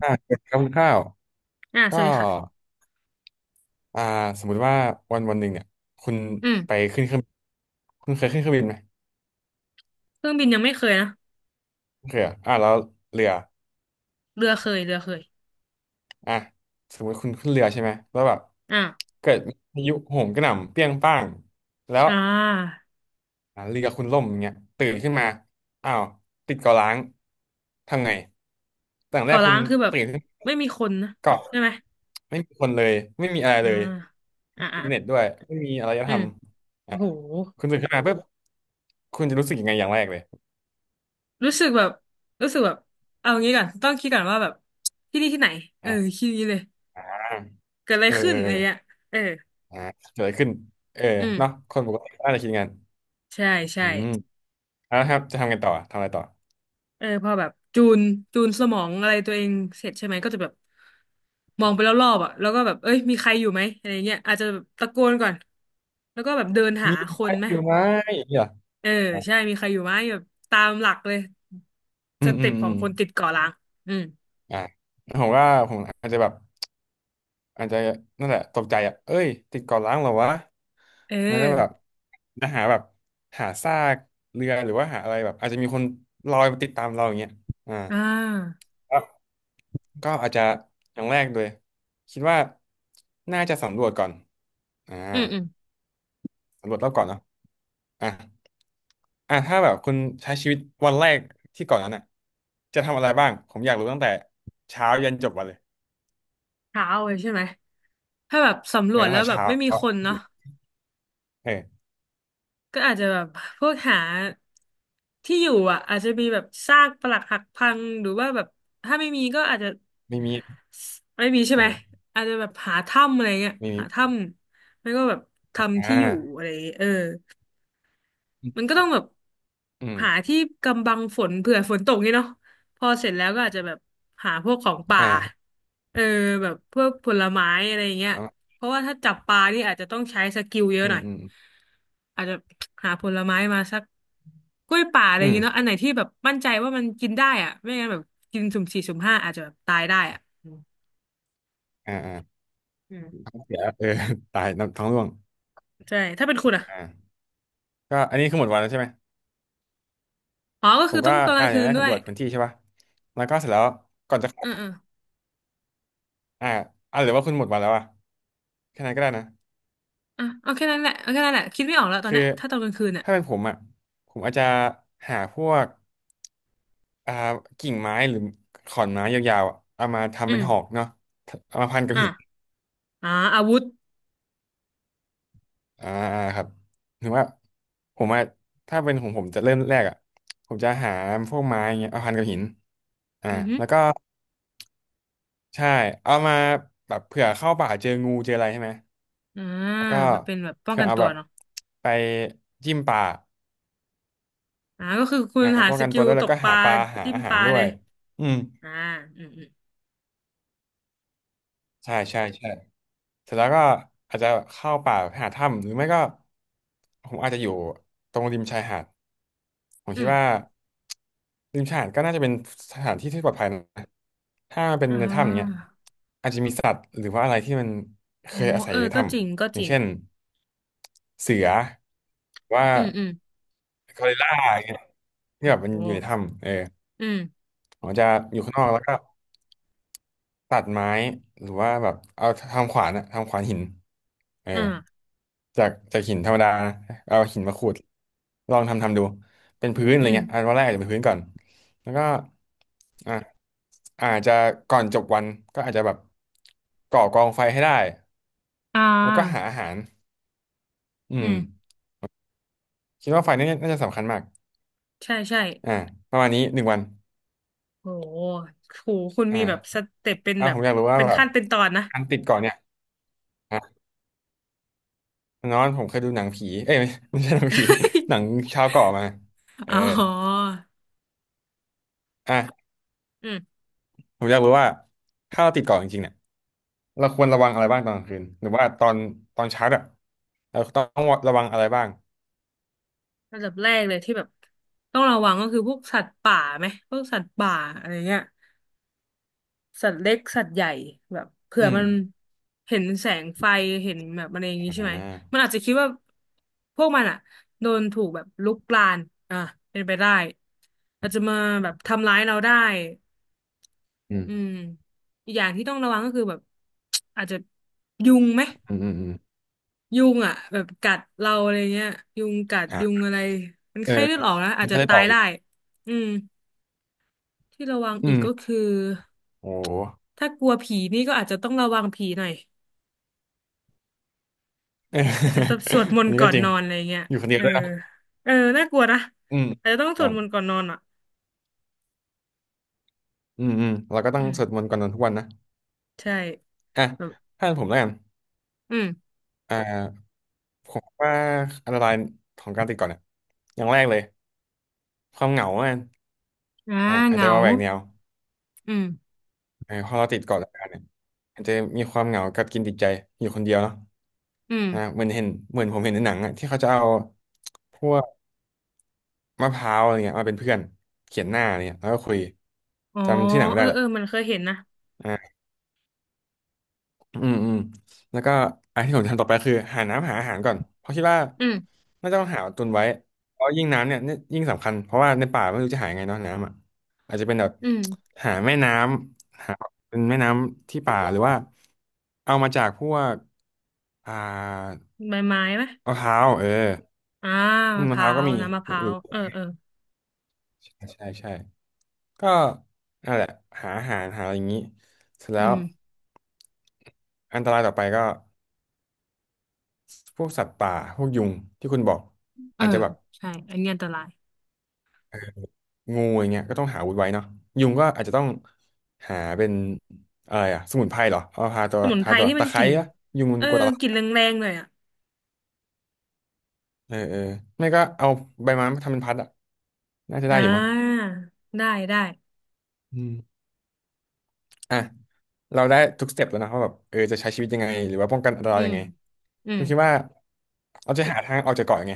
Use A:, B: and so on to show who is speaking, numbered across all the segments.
A: เกินคร่าวๆ
B: ส
A: ก็
B: วัสดีค่ะ
A: อ่าสมมุติว่าวันหนึ่งเนี่ยคุณ
B: อืม
A: ไปขึ้นเครื่องคุณเคยขึ้นเครื่องบินไหม
B: เครื่องบินยังไม่เคยนะ
A: โอเคยอะแล้วเรือ
B: เรือเคย
A: อ่ะสมมติคุณขึ้นเรือใช่ไหมแล้วแบบ
B: อ่า
A: เกิดมีพายุโหมกระหน่ำเปรี้ยงป้างแล้ว
B: อ่า
A: เรือคุณล่มอย่างเงี้ยตื่นขึ้นมาอ้าวติดเกาะร้างทำไงแต่อย่างแร
B: เกาะ
A: กคุ
B: ล้า
A: ณ
B: งคือแบบ
A: ตื่นขึ้น
B: ไม่มีคนนะ
A: เกาะ
B: ใช่ไหม
A: ไม่มีคนเลยไม่มีอะไร
B: อ่า
A: เลยไม่มีอิ
B: อ่า
A: นเทอร์เน็ตด้วยไม่มีอารย
B: อื
A: ธร
B: ม
A: รม
B: โอ้
A: อ่ะ
B: โห
A: คุณตื่นขึ้นมาปุ๊บคุณจะรู้สึกยังไงอย่างแรกเลย
B: รู้สึกแบบรู้สึกแบบเอางี้ก่อนต้องคิดก่อนว่าแบบที่นี่ที่ไหนเออ
A: อ่ะ
B: คิดอย่างนี้เลย เกิดอะไร
A: เออ
B: ขึ้
A: เอ
B: น
A: อ
B: อะ
A: เอ
B: ไร
A: อ
B: เงี้ยเออ
A: อ่ะเกิดอะไรขึ้นเออ
B: อืม
A: เนาะคนปกติน่าจะคิดงั้น
B: ใช่ใช่
A: อืมเอ่ะครับจะทำกันต่อทำอะไรต่อ
B: เออพอแบบจูนจูนสมองอะไรตัวเองเสร็จใช่ไหมก็จะแบบมองไปรอบๆอ่ะแล้วก็แบบเอ้ยมีใครอยู่ไหมอะไรเงี้ยอาจจะแบบตะโกนก่อนแล้วก็แบบเดินหา
A: มี
B: ค
A: ใคร
B: นไหม
A: อยู่ไหมอย่างเงี้ย
B: เออ
A: เหรออ่ะ
B: ใช่มีใครอยู่ไหมแบบตามหลักเลย
A: อื
B: ส
A: มอื
B: เต็
A: ม
B: ปข
A: อื
B: อง
A: ม
B: คนติดเกาะล้างอืม
A: อ่ะผมว่าผมอาจจะแบบ อาจจะนั่นแหละตกใจอ่ะเอ้ยติดเกาะล้างเหรอวะ
B: เอ
A: แล้วก็
B: อ
A: แบบจะหาแบบหาซากเรือหรือว่าหาอะไรแบบอาจจะมีคนลอยมาติดตามเราอย่างเงี้ยอ่า
B: อ่า
A: แล้วก็อาจจะอย่างแรกเลยคิดว่าน่าจะสำรวจก่อนอ่า
B: อืมอืม
A: สำรวจรอบเก่อนเนาะอ่ะอ่ะถ้าแบบคุณใช้ชีวิตวันแรกที่เก่อนนั้นอ่ะจะทำอะไรบ้างผมอยากรู้ตั้งแต่เช้ายันจบวันเลย
B: เช้าเลยใช่ไหมถ้าแบบสำร
A: เออ
B: วจ
A: ตั้ง
B: แล้ว
A: แต่
B: แบบ
A: เช้า
B: ไม่มีคนเนาะ
A: เออ
B: ก็อาจจะแบบพวกหาที่อยู่อ่ะอาจจะมีแบบซากปรักหักพังหรือว่าแบบถ้าไม่มีก็อาจจะ
A: ไม่มี
B: ไม่มีใช่
A: เอ
B: ไหม
A: อ
B: อาจจะแบบหาถ้ำอะไรเงี้ย
A: ไม่มี
B: หาถ้ำไม่ก็แบบ
A: อ
B: ทำที่อยู่
A: ่า
B: อะไรอย่างเงี้ยเออมันก็ต้องแบบ
A: อืม
B: หาที่กำบังฝนเผื่อฝนตกนี่เนาะพอเสร็จแล้วก็อาจจะแบบหาพวกของป่า
A: อ่า
B: เออแบบพวกผลไม้อะไรอย่างเงี้ย
A: เอา
B: เพราะว่าถ้าจับปลานี่อาจจะต้องใช้สกิลเยอะ
A: อื
B: ห
A: ม
B: น่อย
A: อืม
B: อาจจะหาผลไม้มาสักกล้วยป่าอะไรอ
A: อื
B: ย่าง
A: ม
B: เงี้ยเนาะอันไหนที่แบบมั่นใจว่ามันกินได้อะไม่งั้นแบบกินสุ่มสี่สุ่มห้าอาจจะแบบตายได้อะ
A: อ่าอ่า
B: อืม
A: เสียเออ ตายน้ำท้องร่วง
B: ใช่ถ้าเป็นคุณอ่ะ
A: อ่าก็อันนี้คือหมดวันแล้วใช่ไหม
B: อ๋อก็
A: ผ
B: คือ
A: ม
B: ต้
A: ก็
B: องตอนกลาง
A: อ
B: คื
A: ย่าง
B: น
A: แรก
B: ด้ว
A: สำร
B: ย
A: วจพื้นที่ใช่ป่ะแล้วก็เสร็จแล้วก่อนจะเข้า
B: อืออือ
A: อ่าหรือว่าคุณหมดวันแล้วอ่ะแค่นั้นก็ได้นะ
B: อ่ะเอาแค่นั้นแหละเอาแค่นั้นแหละคิดไม่ออกแล้วตอน
A: คือ
B: เนี้ยถ้าตอนกลางคืนอ่ะ
A: ถ้าเป็นผมอ่ะผมอาจจะหาพวกอ่ากิ่งไม้หรือขอนไม้ยาวๆอะเอามา
B: อื
A: ทำเป็นหอก
B: ม
A: เนาะเอามาพันกับ
B: อ่ะ
A: หิน
B: อ่าอาวุธ
A: อ่าครับถึงว่าผมว่าถ้าเป็นของผมจะเริ่มแรกอ่ะผมจะหาพวกไม้เงี้ยเอาพันกับหินอ่า
B: อือฮึ
A: แล้วก็ใช่เอามาแบบเผื่อเข้าป่าเจองูเจออะไรใช่ไหม
B: อ่า
A: แล้วก็
B: ไปเป็นแบบป้อง
A: เผื่อ
B: กัน
A: เอา
B: ตั
A: แบ
B: ว
A: บ
B: เนาะ
A: ไปจิ้มป่า
B: ก็คือคุณหา
A: ป้อง
B: ส
A: กัน
B: กิ
A: ตัว
B: ล
A: ด้วย
B: ต
A: แล้ว
B: ก
A: ก็
B: ป
A: หา
B: ลา
A: ปลาหา
B: จิ้ม
A: อาหา
B: ป
A: ร
B: ลา
A: ด้
B: เล
A: วย
B: ย
A: อืม
B: อ่าอืมอืม
A: ใช่ใช่ใช่เสร็จแล้วก็อาจจะเข้าป่าไปหาถ้ำหรือไม่ก็ผมอาจจะอยู่ตรงริมชายหาดผม
B: อื
A: คิด
B: ม
A: ว่าริมชายหาดก็น่าจะเป็นสถานที่ที่ปลอดภัยนะถ้ามันเป็น
B: อ่
A: ในถ้ำอย่างเงี้ย
B: า
A: อาจจะมีสัตว์หรือว่าอะไรที่มันเค
B: โอ้
A: ยอาศัย
B: เอ
A: อ
B: อ
A: ยู่ใน
B: ก็
A: ถ้
B: จริงก็
A: ำอ
B: จ
A: ย่าง
B: ริง
A: เช่นเสือหรือว่า
B: อืมอืม
A: กอริลลาอย่างเงี้ยที่
B: โอ้
A: แบบมั
B: โห
A: นอยู่ในถ้ำเออ
B: อืม
A: ผมจะอยู่ข้างนอกแล้วก็ตัดไม้หรือว่าแบบเอาทำขวานอะทำขวานหิน เออ
B: อ่า
A: จากหินธรรมดานะเอาหินมาขูดลองทำดูเป็นพื้นอะ
B: อื
A: ไร
B: ม
A: เงี้ยอันวันแรกอาจจะเป็นพื้นก่อนแล้วก็อ่ะอาจจะก่อนจบวันก็อาจจะแบบก่อกองไฟให้ได้
B: อ่
A: แล้วก็หา
B: า
A: อาหารอื
B: อื
A: ม
B: ม
A: คิดว่าไฟนี่น่าจะสำคัญมาก
B: ใช่ใช่
A: อ่าประมาณนี้หนึ่งวัน
B: โอ้โหโหคุณมีแบบส
A: อ่า
B: เต็ปเป็นแบ
A: ผ
B: บ
A: มอยากรู้ว่า
B: เป็น
A: แบบ
B: ขั้นเป็นตอนนะ
A: การติดเกาะเนี่ยอ่ะนอนผมเคยดูหนังผีเอ้ยไม่ไม่ใช่หนังผี หนังชาวเกาะมาเอ
B: อ๋
A: อ
B: อ
A: อ่ะ
B: อืม
A: ผมอยากรู้ว่าถ้าเราติดเกาะจริงๆเนี่ย เราควรระวังอะไรบ้างตอนกลางคืนหรือว่าตอนเช้าอะเราต้องระวังอะไรบ้าง
B: ระดับแรกเลยที่แบบต้องระวังก็คือพวกสัตว์ป่าไหมพวกสัตว์ป่าอะไรเงี้ยสัตว์เล็กสัตว์ใหญ่แบบเผื่
A: อื
B: อ
A: ม
B: มันเห็นแสงไฟเห็นแบบอะไรอย่างงี้
A: อ่
B: ใช่ไหมมัน
A: า
B: อาจจะคิดว่าพวกมันอะโดนถูกแบบลุกลานอ่ะเป็นไปได้อาจจะมาแบบทำร้ายเราได้
A: อื
B: อืม
A: ม
B: อีกอย่างที่ต้องระวังก็คือแบบ อาจจะยุงไหม
A: อืมอืมอืม
B: ยุงอ่ะแบบกัดเราอะไรเงี้ยยุงกัด
A: อ่
B: ยุง
A: า
B: อะไรมัน
A: เออ
B: ไข้เลือดออกนะอาจจะ
A: ถ้าเลือด
B: ตา
A: ออ
B: ย
A: กอี
B: ได้
A: ก
B: อืมที่ระวัง
A: อื
B: อีกก็
A: ม
B: คือ
A: โอ้โห
B: ถ้ากลัวผีนี่ก็อาจจะต้องระวังผีหน่อย
A: เออ
B: อาจจะต้องสวดม
A: อั
B: น
A: น
B: ต์
A: นี้
B: ก่
A: ก็
B: อน
A: จริง
B: นอนอะไรเงี้ย
A: อยู่คนเดีย
B: เอ
A: ว
B: อ
A: ด้วยนะ
B: เออน่ากลัวนะ
A: อืม
B: อาจจะต้องส
A: ต้อ
B: วด
A: ง
B: มนต์ก่อนนอนอ่ะ
A: อืมอืมเราก็ต้อ
B: อื
A: ง
B: ม
A: สวดมนต์ก่อนนอนทุกวันนะ
B: ใช่
A: อ่ะ
B: แบบ
A: ถ้าเป็นผมแล้วกัน
B: อืม
A: อ่าผมว่าอันตรายของการติดก่อนเนี่ยอย่างแรกเลยความเหงาอ่ะ
B: อ่า
A: อ่ะอา
B: เห
A: จจะ
B: งา
A: มาแหวกแนว
B: อืม
A: เออพอเราติดเกาะรายการเนี่ยอาจจะมีความเหงากับกินติดใจอยู่คนเดียวเนาะ
B: อืม
A: เหมือนเห็นเหมือนผมเห็นในหนังอะที่เขาจะเอาพวกมะพร้าวอะไรเงี้ยมาเป็นเพื่อนเขียนหน้าอะไรเงี้ยแล้วก็คุย
B: อ๋อ
A: จำที่หนังไม่
B: เออ
A: ได้
B: เอ
A: ละ
B: อมันเคยเห็นนะ
A: อืมอืมแล้วก็อันที่ผมทำต่อไปคือหาน้ำหาอาหารก่อนเพราะคิดว่า
B: อืม
A: น่าจะต้องหาตุนไว้เพราะยิ่งน้ำเนี่ยนี่ยิ่งสำคัญเพราะว่าในป่าไม่รู้จะหายังไงเนาะน้ำอ่ะอาจจะเป็นแบบ
B: อืม
A: หาแม่น้ำหาเป็นแม่น้ำที่ป่าหรือว่าเอามาจากพวกอ่า
B: ใบไม้ไหม
A: มะพร้าวเออ
B: อ่า
A: อืม
B: มะพ
A: มะพ
B: ร้า
A: ร้าวก็
B: ว
A: มี
B: น้ำมะพร้า
A: หรือ
B: วเออเออ
A: ใช่ใช่ใช่ก็นั่นแหละหาอาหารหาอะไรอย่างนี้เสร็จแล้
B: อื
A: ว
B: ม
A: อันตรายต่อไปก็ พวกสัตว์ป่าพวกยุงที่คุณบอก
B: เออ
A: อาจจะแบบ
B: ใช่อันนี้อันตราย
A: เอองูอย่างเงี้ยก็ต้องหาอาวุธไว้เนาะยุงก็อาจจะต้องหาเป็นอะไรอะสมุนไพรเหรอเอาทาตัว
B: สมุนไพ
A: ทา
B: ร
A: ตัว
B: ที่มั
A: ตะ
B: น
A: ไค
B: ก
A: ร้
B: ลิ่น
A: อะยุงมัน
B: เออ
A: กลัวตะไค
B: กลิ่นแ
A: ร้
B: รงๆเลยอ่ะ
A: เออเออไม่ก็เอาใบไม้มาทำเป็นพัดอะน่าจะ
B: อ่
A: ได้อยู่มั้ง
B: าได้ได้
A: อืมอ่ะเราได้ทุกสเต็ปแล้วนะว่าแบบเออจะใช้ชีวิตยังไงหรือว่าป้องกันอันต
B: อื
A: รายยั
B: ม
A: งไง
B: อื
A: คุ
B: ม
A: ณคิดว่าเราจะหาทางออกจากเกาะยังไง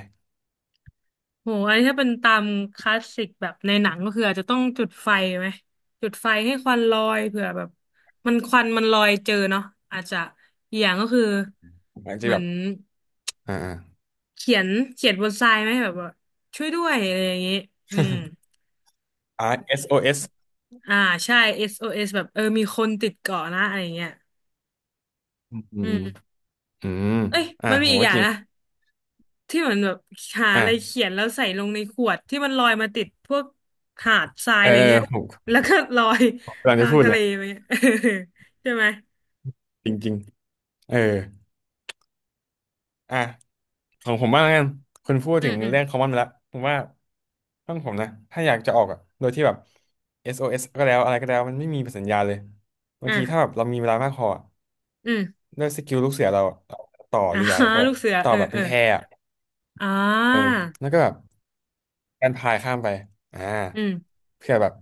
B: โหอันนี้ถ้าเป็นตามคลาสสิกแบบในหนังก็คืออาจจะต้องจุดไฟไหมจุดไฟให้ควันลอยเผื่อแบบมันควันมันลอยเจอเนาะอาจจะอกอย่างก็คือ
A: อาจ
B: เห
A: จะ
B: มื
A: แบ
B: อ
A: บ
B: น
A: อ่าอ่า
B: เขียนเขียนบนทรายไหมแบบว่าช่วยด้วยอะไรอย่างนี้อืม
A: RSOS อสโอเอส
B: อ่าใช่ SOS แบบเออมีคนติดเกาะนะอะไรอย่างเงี้ย
A: อืมอื
B: อื
A: ม
B: ม
A: อืม
B: เอ้ยมันมี
A: โห
B: อีกอย่า
A: จ
B: ง
A: ริง
B: นะที่เหมือนแบบหาอะไร
A: อ่า
B: เขียนแล้วใส่ลงในขวดที่มันลอยมาติดพวกหาดทราย
A: เอ
B: อะ
A: อ
B: ไรเงี้ย
A: ผม
B: แล้วก็ลอย
A: กำ ลัง
B: ทา
A: จะ
B: ง
A: พูด
B: ทะ
A: เล
B: เล
A: ย
B: ไปเงี้ย ใช่ไหม
A: จริงๆเอออ่ะของผมบ้างแล้วกันคุณพูด
B: อื
A: ถึ
B: ม
A: ง
B: อืม
A: เรื่อง common ไปแล้วผมว่าห้องผมนะถ้าอยากจะออกอ่ะโดยที่แบบ SOS ก็แล้วอะไรก็แล้วมันไม่มีสัญญาณเลยบางทีถ้าแบ
B: อ่ะ
A: บเรามีเวลามากพออะ
B: อืม
A: ด้วยสกิลลูกเสือเราอะเราต่อ
B: อ่า
A: เรือก็ ได้
B: ลูกเสือ
A: ต่อ
B: เออ
A: แบบ
B: เอ
A: เป็
B: อ
A: นแพอะ
B: อ่
A: เออ
B: า
A: แล้วก็แบบการพายข้ามไปอ่า
B: อืม
A: เพื่อแบบ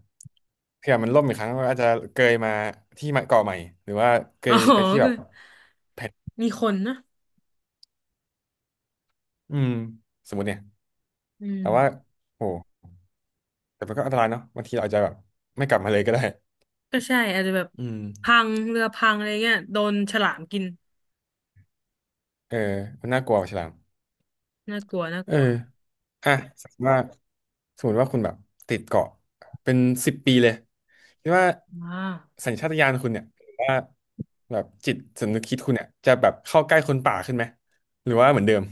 A: เพื่อมันล่มอีกครั้งก็อาจจะเกยมาที่เกาะใหม่หรือว่าเก
B: อ๋อ
A: ยไปที่แบ
B: ก็
A: บแผ่น
B: มีคนนะ
A: อืมสมมติเนี่ย
B: อืม
A: แต่ว่าโอ้แต่มันก็อันตรายเนาะบางทีเราอาจจะแบบไม่กลับมาเลยก็ได้
B: ก็ใช่อาจจะแบบ
A: อืม
B: พังเรือพังอะไรเงี้ยโดนฉลามกิน
A: เออมันน่ากลัวกว่าฉลาม
B: น่ากลัวน่า
A: เอ
B: ก
A: อ
B: ลัว
A: อ่ะสมมติว่าสมมติว่าคุณแบบติดเกาะเป็นสิบปีเลยคิดว่า
B: อ่า
A: สัญชาตญาณคุณเนี่ยหรือว่าแบบจิตสำนึกคิดคุณเนี่ยจะแบบเข้าใกล้คนป่าขึ้นไหมหรือว่าเหมือนเดิม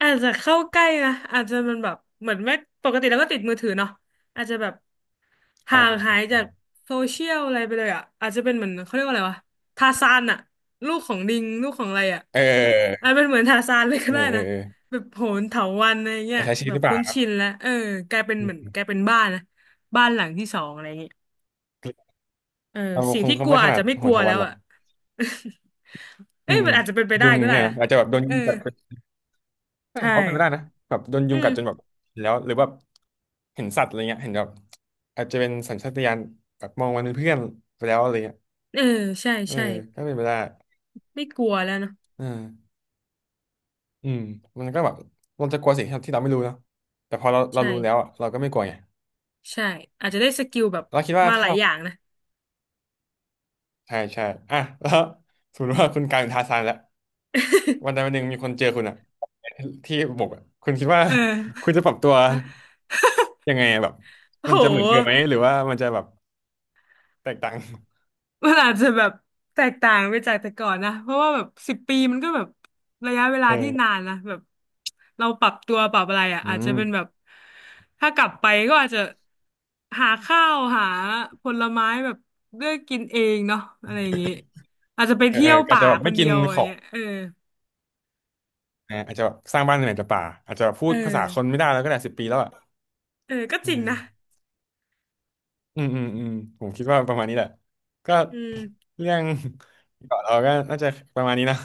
B: อาจจะเข้าใกล้นะอาจจะมันแบบเหมือนไม่ปกติแล้วก็ติดมือถือเนาะอาจจะแบบ
A: อ่
B: ห่าง
A: า
B: หายจากโซเชียลอะไรไปเลยอ่ะอาจจะเป็นเหมือนเขาเรียกว่าอะไรวะทาซานอ่ะลูกของลิงลูกของอะไรอ่ะ
A: เ
B: อา
A: ออ
B: จเป็นเหมือนทาซานเลยก็
A: เออ
B: ได้
A: เออ
B: นะ
A: เ
B: แบบโหนเถาวัลย์อะไร
A: อ
B: เงี้
A: อ
B: ย
A: ใช้ชีวิ
B: แบ
A: ตห
B: บ
A: รือเปล่า
B: คุ้น
A: ครับ
B: ชินแล้วเออกลายเป็น
A: อื
B: เหมือน
A: ม
B: กลายเป็นบ้านนะบ้านหลังที่สองอะไรเงี้ยเออ
A: เรา
B: สิ่ง
A: คง
B: ที่
A: ค
B: ก
A: ง
B: ลัว
A: ไม่ข
B: อาจ
A: นาด
B: จะไม่
A: โห
B: กลั
A: น
B: ว
A: ท
B: แล้
A: วัน
B: ว
A: หรอก
B: อ่ะ
A: อื
B: เอ้ย
A: ม
B: มั
A: อื
B: น
A: ม
B: อาจจะเป็นไป
A: ยุ
B: ได้
A: ง
B: ก็ได้
A: เนี่ย
B: นะ
A: นะอาจจะแบบโดน
B: เอ
A: ยุง
B: อ
A: กัด เออผ
B: ใช่
A: มว่าเป็นไม่ได้นะแบบโดนยุ
B: อื
A: ง
B: ม
A: กัดจนแบบแล้วหรือแบบเห็นสัตว์อะไรเงี้ยเห็นแบบอาจจะเป็นสัญชาตญาณแบบมองมันเป็นเพื่อนไปแล้วอะไรเงี้ย
B: เออใช่
A: เออ
B: ใช่
A: ก็เป็นไปได้
B: ไม่กลัวแล้วเนาะ
A: อ่าอืมมันก็แบบเราจะกลัวสิ่งที่เราที่เราไม่รู้เนาะแต่พอเราเรา
B: ใช่
A: รู้แล้วอะเราก็ไม่กลัวไง
B: ใช่อาจจะได้สกิลแบบ
A: เราคิดว่า
B: มาห
A: ถ้า
B: ลาย
A: เรา
B: อย่างนะ
A: ใช่ใช่อ่ะ แล้วสมมติว่าคุณกลายเป็นทาร์ซานแล้ววันใดวัน หนึ่งมีคนเจอคุณอะที่บกอะคุณคิดว่า
B: เอ
A: คุณ
B: อ
A: จะปรับตัว ยังไงอะแบบ
B: โอ้
A: มั
B: โห
A: นจะเหมือนเดิมไหมหรือว่ามันจะแบบแตกต่าง
B: มันอาจจะแบบแตกต่างไปจากแต่ก่อนนะเพราะว่าแบบ10 ปีมันก็แบบระยะเวลาที่นา
A: เออ
B: นนะแบบเราปรับตัวปรับอะไรอ่ะ
A: อื
B: อาจจะ
A: ม
B: เป็นแบบถ้ากลับไปก็อาจจะหาข้าวหาผลไม้แบบเลือกกินเองเนาะอะไรอย่างงี้อาจจะไป
A: เออ
B: เที่
A: เอ
B: ย
A: อ
B: ว
A: อาจ
B: ป่า
A: จะแบบ
B: ค
A: ไม่
B: นเดี
A: กิน
B: ยวอะไร
A: ของ
B: เงี้ยเออ
A: นะอาจจะแบบสร้างบ้านในไหนแต่ป่าอาจจะพู
B: เออ
A: ดภาษาคนไม่ได้แล้วก็ได้10 ปีแล้วอ่ะ
B: เออก็
A: เอ
B: จริงนะ
A: ออืมอืมอืมผมคิดว่าประมาณนี้แหละก็
B: อืม
A: เรื่องเกาะเราก็น่าจะประมาณนี้นะ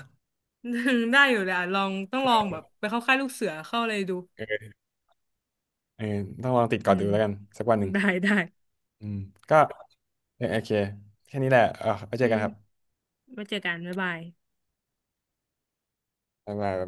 B: ได้อยู่แลยอ่ะลองต้องลองแบบไปเข้าค่ายลูกเสือเข้าอะไรดู
A: เออเออต้องลองติด
B: อื
A: เกาะดู
B: ม
A: แล้วกันสักวันหนึ่ง
B: ได้ได้
A: อืมก็เออโอเคแค่นี้แหละเออไปเจ
B: อื
A: อกัน
B: ม
A: ครับ
B: ไว้เจอกันบ๊ายบาย
A: บ๊ายบาย